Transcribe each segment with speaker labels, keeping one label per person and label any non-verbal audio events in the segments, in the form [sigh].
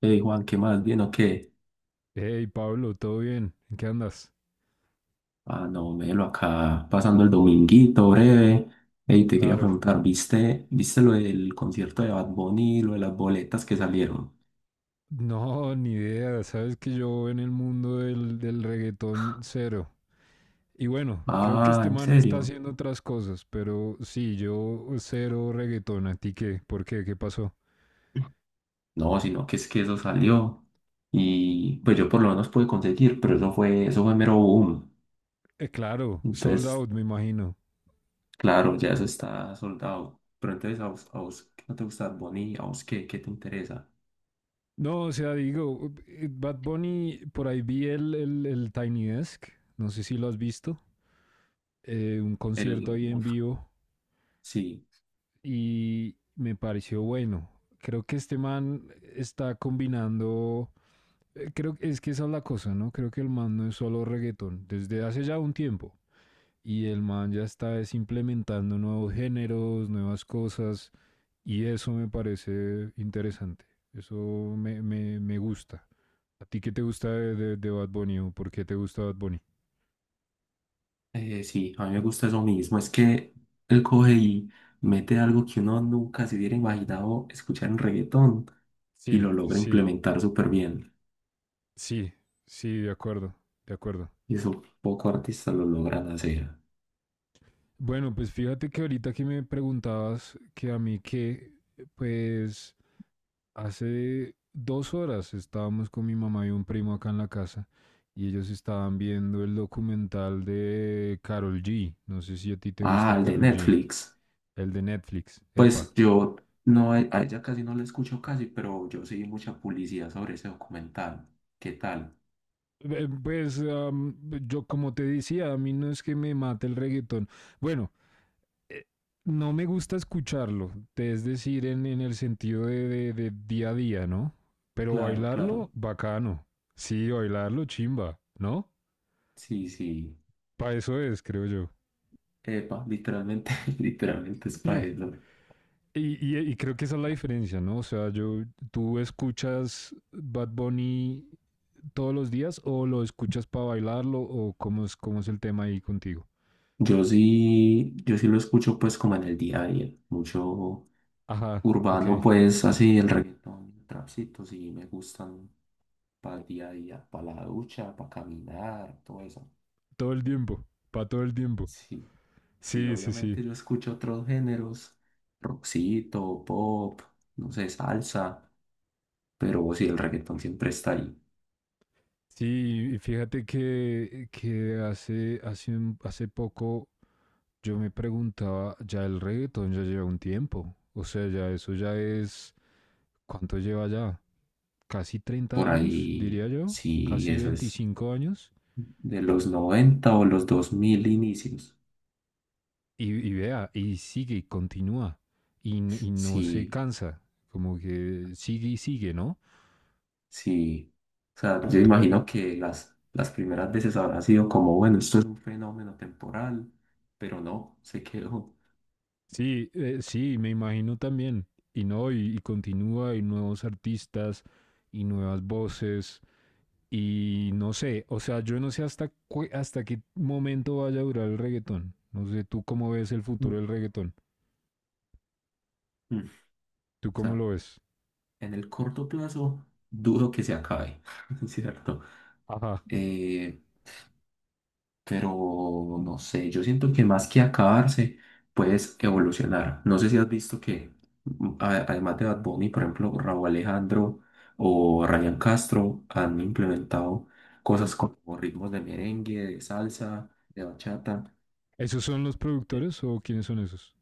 Speaker 1: Hey Juan, ¿qué más? ¿Bien o qué?
Speaker 2: Hey Pablo, ¿todo bien? ¿En qué andas?
Speaker 1: Ah, no, Melo, acá pasando el dominguito breve. Hey, te quería
Speaker 2: Claro.
Speaker 1: preguntar, ¿viste lo del concierto de Bad Bunny, lo de las boletas que salieron?
Speaker 2: No, ni idea. Sabes que yo en el mundo del reggaetón cero. Y bueno, creo que
Speaker 1: Ah,
Speaker 2: este
Speaker 1: ¿en
Speaker 2: man está
Speaker 1: serio?
Speaker 2: haciendo otras cosas, pero sí, yo cero reggaetón. ¿A ti qué? ¿Por qué? ¿Qué pasó?
Speaker 1: No, sino que es que eso salió. Y pues yo por lo menos pude conseguir, pero eso fue mero boom.
Speaker 2: Claro, sold
Speaker 1: Entonces,
Speaker 2: out, me imagino.
Speaker 1: claro, ya eso está soldado. Pero entonces, ¿a vos qué no te gusta Bad Bunny? ¿A vos qué te interesa?
Speaker 2: No, o sea, digo, Bad Bunny, por ahí vi el Tiny Desk, no sé si lo has visto, un concierto
Speaker 1: El,
Speaker 2: ahí en vivo
Speaker 1: sí.
Speaker 2: y me pareció bueno. Creo que este man está combinando, creo que es que esa es la cosa, ¿no? Creo que el man no es solo reggaetón, desde hace ya un tiempo. Y el man ya está implementando nuevos géneros, nuevas cosas, y eso me parece interesante. Eso me gusta. ¿A ti qué te gusta de Bad Bunny o por qué te gusta Bad Bunny?
Speaker 1: Sí, a mí me gusta eso mismo. Es que él coge y mete algo que uno nunca se hubiera imaginado escuchar en reggaetón y
Speaker 2: Sí,
Speaker 1: lo logra
Speaker 2: sí,
Speaker 1: implementar súper bien.
Speaker 2: sí, sí, de acuerdo, de acuerdo.
Speaker 1: Y eso pocos artistas lo logran hacer.
Speaker 2: Bueno, pues fíjate que ahorita que me preguntabas que a mí qué, pues hace 2 horas estábamos con mi mamá y un primo acá en la casa y ellos estaban viendo el documental de Carol G. No sé si a ti te gusta
Speaker 1: Ah, el de
Speaker 2: Carol G.
Speaker 1: Netflix.
Speaker 2: El de Netflix.
Speaker 1: Pues
Speaker 2: Epa.
Speaker 1: yo no, a ella casi no la escucho casi, pero yo seguí mucha publicidad sobre ese documental. ¿Qué tal?
Speaker 2: Pues yo como te decía, a mí no es que me mate el reggaetón. Bueno, eh, no me gusta escucharlo, es decir, en el sentido de día a día, ¿no? Pero
Speaker 1: Claro,
Speaker 2: bailarlo,
Speaker 1: claro.
Speaker 2: bacano. Sí, bailarlo, chimba, ¿no?
Speaker 1: Sí, sí.
Speaker 2: Para eso es, creo yo. [laughs]
Speaker 1: Epa, literalmente, [laughs] literalmente es
Speaker 2: Yeah.
Speaker 1: para eso.
Speaker 2: Y creo que esa es la diferencia, ¿no? O sea, yo, ¿tú escuchas Bad Bunny todos los días o lo escuchas para bailarlo o cómo es el tema ahí contigo?
Speaker 1: Yo sí lo escucho pues como en el día a día, mucho
Speaker 2: Ajá, ok.
Speaker 1: urbano, pues así el reggaetón, el trapcito, sí me gustan para el día a día, para la ducha, para caminar, todo eso.
Speaker 2: Todo el tiempo, para todo el tiempo.
Speaker 1: Sí, sí,
Speaker 2: Sí, sí, sí.
Speaker 1: obviamente yo escucho otros géneros, rockcito, pop, no sé, salsa, pero sí, el reggaetón siempre está ahí.
Speaker 2: Sí, y fíjate que hace poco yo me preguntaba, ya el reggaetón ya lleva un tiempo, o sea, ya eso ya es, ¿cuánto lleva ya? Casi 30
Speaker 1: Por
Speaker 2: años,
Speaker 1: ahí,
Speaker 2: diría yo,
Speaker 1: sí,
Speaker 2: casi
Speaker 1: eso es
Speaker 2: 25 años,
Speaker 1: de los 90 o los 2000 inicios.
Speaker 2: y vea, y sigue, y continúa, y no se
Speaker 1: Sí,
Speaker 2: cansa, como que sigue y sigue, ¿no?
Speaker 1: sí, o sea,
Speaker 2: Tú,
Speaker 1: yo
Speaker 2: tú le...
Speaker 1: imagino que las primeras veces habrá sido como, bueno, esto es un fenómeno temporal, pero no, se quedó.
Speaker 2: Sí, sí, me imagino también, y no, y continúa, y nuevos artistas, y nuevas voces. Y no sé, o sea, yo no sé hasta qué momento vaya a durar el reggaetón. No sé, ¿tú cómo ves el futuro
Speaker 1: Mm,
Speaker 2: del reggaetón?
Speaker 1: mm. O
Speaker 2: ¿Tú cómo
Speaker 1: sea,
Speaker 2: lo ves?
Speaker 1: en el corto plazo, dudo que se acabe, [laughs] ¿cierto?
Speaker 2: Ajá.
Speaker 1: Eh, pero no sé, yo siento que más que acabarse, puedes evolucionar. No sé si has visto que además de Bad Bunny, por ejemplo, Raúl Alejandro o Ryan Castro han implementado cosas como ritmos de merengue, de salsa, de bachata.
Speaker 2: ¿Esos son los
Speaker 1: Eh,
Speaker 2: productores o quiénes son esos?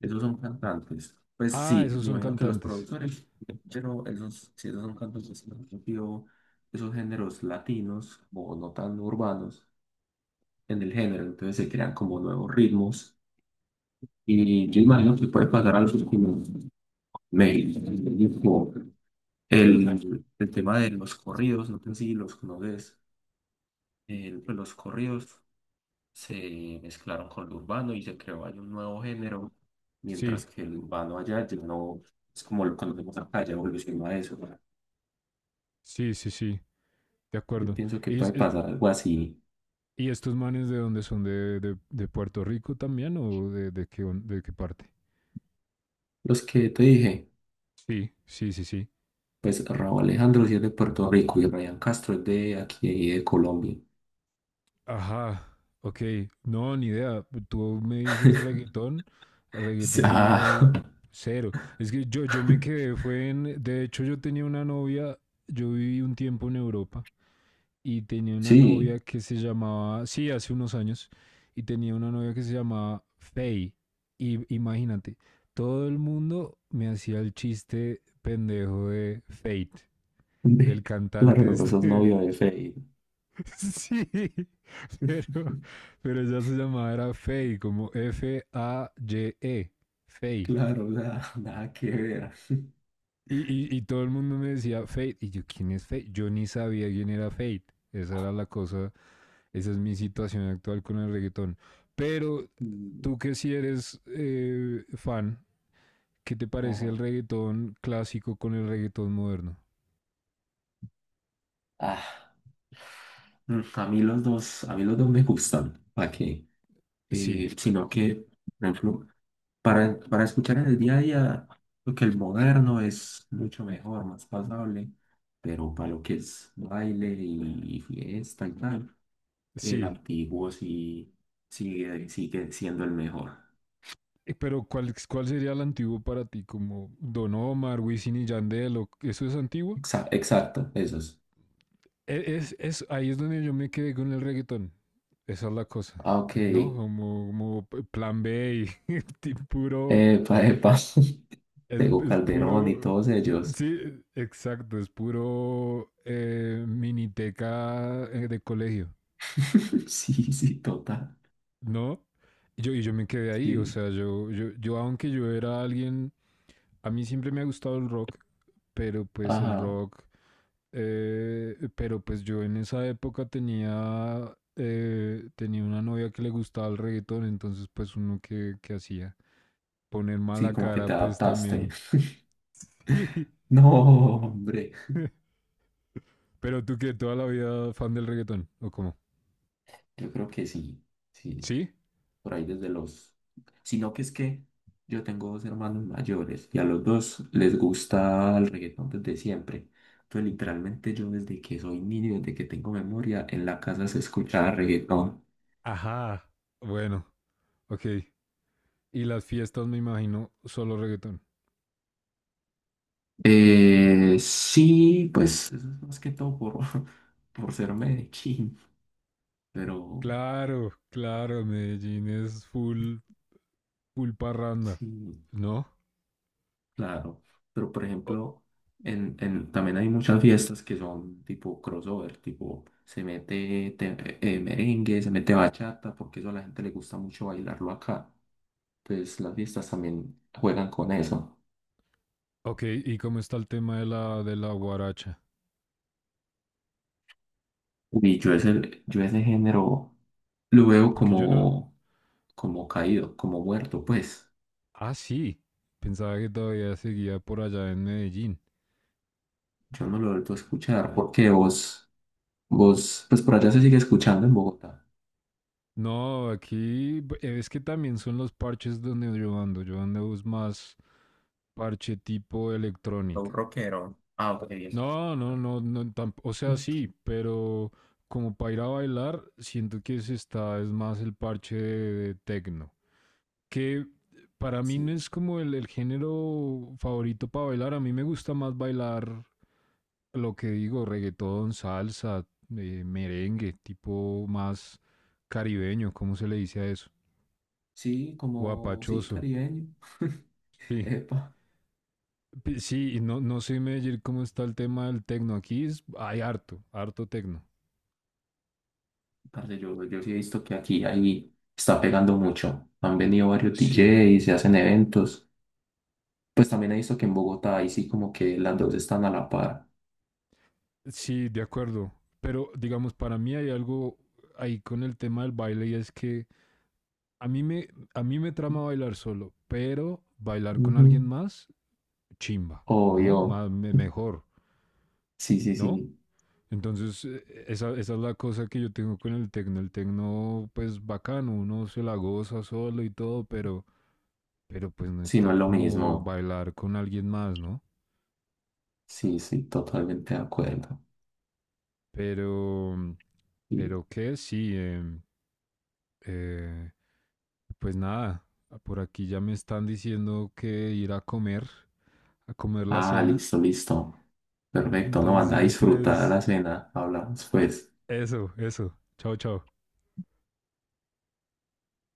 Speaker 1: Esos son cantantes. Pues
Speaker 2: Ah,
Speaker 1: sí,
Speaker 2: esos
Speaker 1: me
Speaker 2: son
Speaker 1: imagino que los
Speaker 2: cantantes.
Speaker 1: productores, pero esos, si esos son cantantes, me refiero esos géneros latinos o no tan urbanos en el género, entonces se crean como nuevos ritmos. Y yo
Speaker 2: Ujú.
Speaker 1: imagino que puede pasar algo que me dijo el tema de los corridos, no sé si los conoces, pues los corridos se mezclaron con lo urbano y se creó ahí un nuevo género,
Speaker 2: Sí,
Speaker 1: mientras que el urbano allá ya no es como lo conocemos acá, ya evolucionó a eso.
Speaker 2: sí, sí, sí, de
Speaker 1: Yo
Speaker 2: acuerdo.
Speaker 1: pienso que
Speaker 2: ¿Y, es-
Speaker 1: puede
Speaker 2: es-
Speaker 1: pasar algo así.
Speaker 2: y estos manes de dónde son? ¿De Puerto Rico también o de qué parte?
Speaker 1: Los que te dije,
Speaker 2: Sí, sí, sí, sí.
Speaker 1: pues Raúl Alejandro sí es de Puerto Rico y Ryan Castro es de aquí, de Colombia.
Speaker 2: Ajá, ok. No, ni idea. Tú me dices
Speaker 1: [laughs]
Speaker 2: reggaetón, reggaetón y
Speaker 1: Ah,
Speaker 2: yo cero. Es que yo me
Speaker 1: [laughs]
Speaker 2: quedé, fue en... De hecho, yo tenía una novia, yo viví un tiempo en Europa y tenía una
Speaker 1: sí.
Speaker 2: novia que se llamaba, sí, hace unos años, y tenía una novia que se llamaba Faye. Y imagínate, todo el mundo me hacía el chiste pendejo de Fate,
Speaker 1: [laughs]
Speaker 2: del
Speaker 1: De-
Speaker 2: cantante
Speaker 1: Claro, sos
Speaker 2: este.
Speaker 1: novio de Fey.
Speaker 2: [laughs] Sí. [laughs] pero, pero ya se llamaba era Fey, como Faye, Fey.
Speaker 1: Claro, o sea, [laughs] nada que ver.
Speaker 2: Y todo el mundo me decía Fate. Y yo, ¿quién es Fate? Yo ni sabía quién era Fate. Esa era la cosa, esa es mi situación actual con el reggaetón. Pero
Speaker 1: Mm,
Speaker 2: tú que si sí eres fan, ¿qué te parece
Speaker 1: ajá.
Speaker 2: el reggaetón clásico con el reggaetón moderno?
Speaker 1: Ah, a mí los dos, a mí los dos me gustan. ¿Para qué?
Speaker 2: Sí,
Speaker 1: Sino que, por ejemplo, para escuchar en el día a día, lo que el moderno es mucho mejor, más pasable, pero para lo que es baile y, fiesta y tal, el
Speaker 2: sí.
Speaker 1: antiguo sí sigue siendo el mejor.
Speaker 2: Pero ¿cuál sería el antiguo para ti? ¿Como Don Omar, Wisin y Yandel? O, ¿eso es antiguo?
Speaker 1: Exacto, esos.
Speaker 2: Ahí es donde yo me quedé con el reggaetón. Esa es la cosa,
Speaker 1: Ah, ok.
Speaker 2: ¿no? Como plan B y, [laughs] puro,
Speaker 1: Epa, epa. [laughs]
Speaker 2: es,
Speaker 1: Tego
Speaker 2: es puro,
Speaker 1: Calderón y todos ellos.
Speaker 2: sí, exacto, es puro miniteca de colegio,
Speaker 1: [laughs] Sí, sí, total.
Speaker 2: ¿no? Y yo me quedé ahí, o
Speaker 1: Sí.
Speaker 2: sea, yo, aunque yo era alguien, a mí siempre me ha gustado el rock, pero pues el
Speaker 1: Ajá.
Speaker 2: rock. Pero pues yo en esa época tenía una novia que le gustaba el reggaetón, entonces pues uno que hacía poner
Speaker 1: Sí,
Speaker 2: mala
Speaker 1: como que
Speaker 2: cara
Speaker 1: te
Speaker 2: pues
Speaker 1: adaptaste.
Speaker 2: también.
Speaker 1: [laughs]
Speaker 2: [laughs]
Speaker 1: No, hombre.
Speaker 2: Pero tú que toda la vida fan del reggaetón, ¿o cómo?
Speaker 1: Yo creo que sí. Sí,
Speaker 2: ¿Sí?
Speaker 1: por ahí desde los... Sino que es que yo tengo dos hermanos mayores y a los dos les gusta el reggaetón desde siempre. Entonces, literalmente yo desde que soy niño, desde que tengo memoria, en la casa se escuchaba reggaetón.
Speaker 2: Ajá. Bueno, ok. Y las fiestas me imagino solo reggaetón.
Speaker 1: Sí, pues eso es más que todo por, [laughs] por ser Medellín, pero
Speaker 2: Claro, claro, Medellín es full, full parranda,
Speaker 1: sí,
Speaker 2: ¿no?
Speaker 1: claro. Pero por
Speaker 2: O-
Speaker 1: ejemplo, también hay muchas fiestas que son tipo crossover, tipo merengue, se mete bachata, porque eso a la gente le gusta mucho bailarlo acá. Entonces las fiestas también juegan con eso.
Speaker 2: ok, ¿y cómo está el tema de la guaracha?
Speaker 1: Y yo ese género lo veo
Speaker 2: Porque yo no.
Speaker 1: como caído, como muerto, pues.
Speaker 2: Ah, sí. Pensaba que todavía seguía por allá en Medellín.
Speaker 1: Yo no lo he vuelto a escuchar porque vos, pues por allá se sigue escuchando en Bogotá.
Speaker 2: No, aquí es que también son los parches donde yo ando. Yo ando es más parche tipo
Speaker 1: Un
Speaker 2: electrónica.
Speaker 1: rockero. Ah, ok, bien.
Speaker 2: No, no, no, no, o sea, sí, pero como para ir a bailar, siento que se está, es más el parche de tecno. Que para mí
Speaker 1: Sí,
Speaker 2: no es como el género favorito para bailar. A mí me gusta más bailar. Lo que digo, reggaetón, salsa, merengue, tipo más caribeño, ¿cómo se le dice a eso?
Speaker 1: sí, como, sí,
Speaker 2: Guapachoso,
Speaker 1: caribeño.
Speaker 2: sí.
Speaker 1: Epa,
Speaker 2: Sí, y no, no sé, Meyer, cómo está el tema del tecno. Aquí hay harto, harto tecno.
Speaker 1: parce, yo sí he visto que aquí ahí está pegando mucho. Han venido varios
Speaker 2: Sí,
Speaker 1: DJs, se hacen eventos. Pues también he visto que en Bogotá ahí sí como que las dos están a la par.
Speaker 2: sí, de acuerdo. Pero digamos, para mí hay algo ahí con el tema del baile y es que a mí me, a mí me trama bailar solo, pero bailar con
Speaker 1: Ujú.
Speaker 2: alguien más, chimba, ¿no?
Speaker 1: Obvio.
Speaker 2: Más, mejor,
Speaker 1: Sí, sí,
Speaker 2: ¿no?
Speaker 1: sí.
Speaker 2: Entonces, esa es la cosa que yo tengo con el tecno. El tecno, pues bacano, uno se la goza solo y todo, pero pues no
Speaker 1: Sí, no
Speaker 2: está
Speaker 1: es lo
Speaker 2: como
Speaker 1: mismo.
Speaker 2: bailar con alguien más, ¿no?
Speaker 1: Sí, sí, totalmente de acuerdo.
Speaker 2: Pero, pero qué sí, eh, pues nada, ah, por aquí ya me están diciendo que ir a comer la
Speaker 1: Ah,
Speaker 2: cena.
Speaker 1: listo, listo. Perfecto, no, anda a
Speaker 2: Entonces,
Speaker 1: disfrutar
Speaker 2: pues
Speaker 1: la cena. Hablamos pues.
Speaker 2: eso, eso. Chao, chao.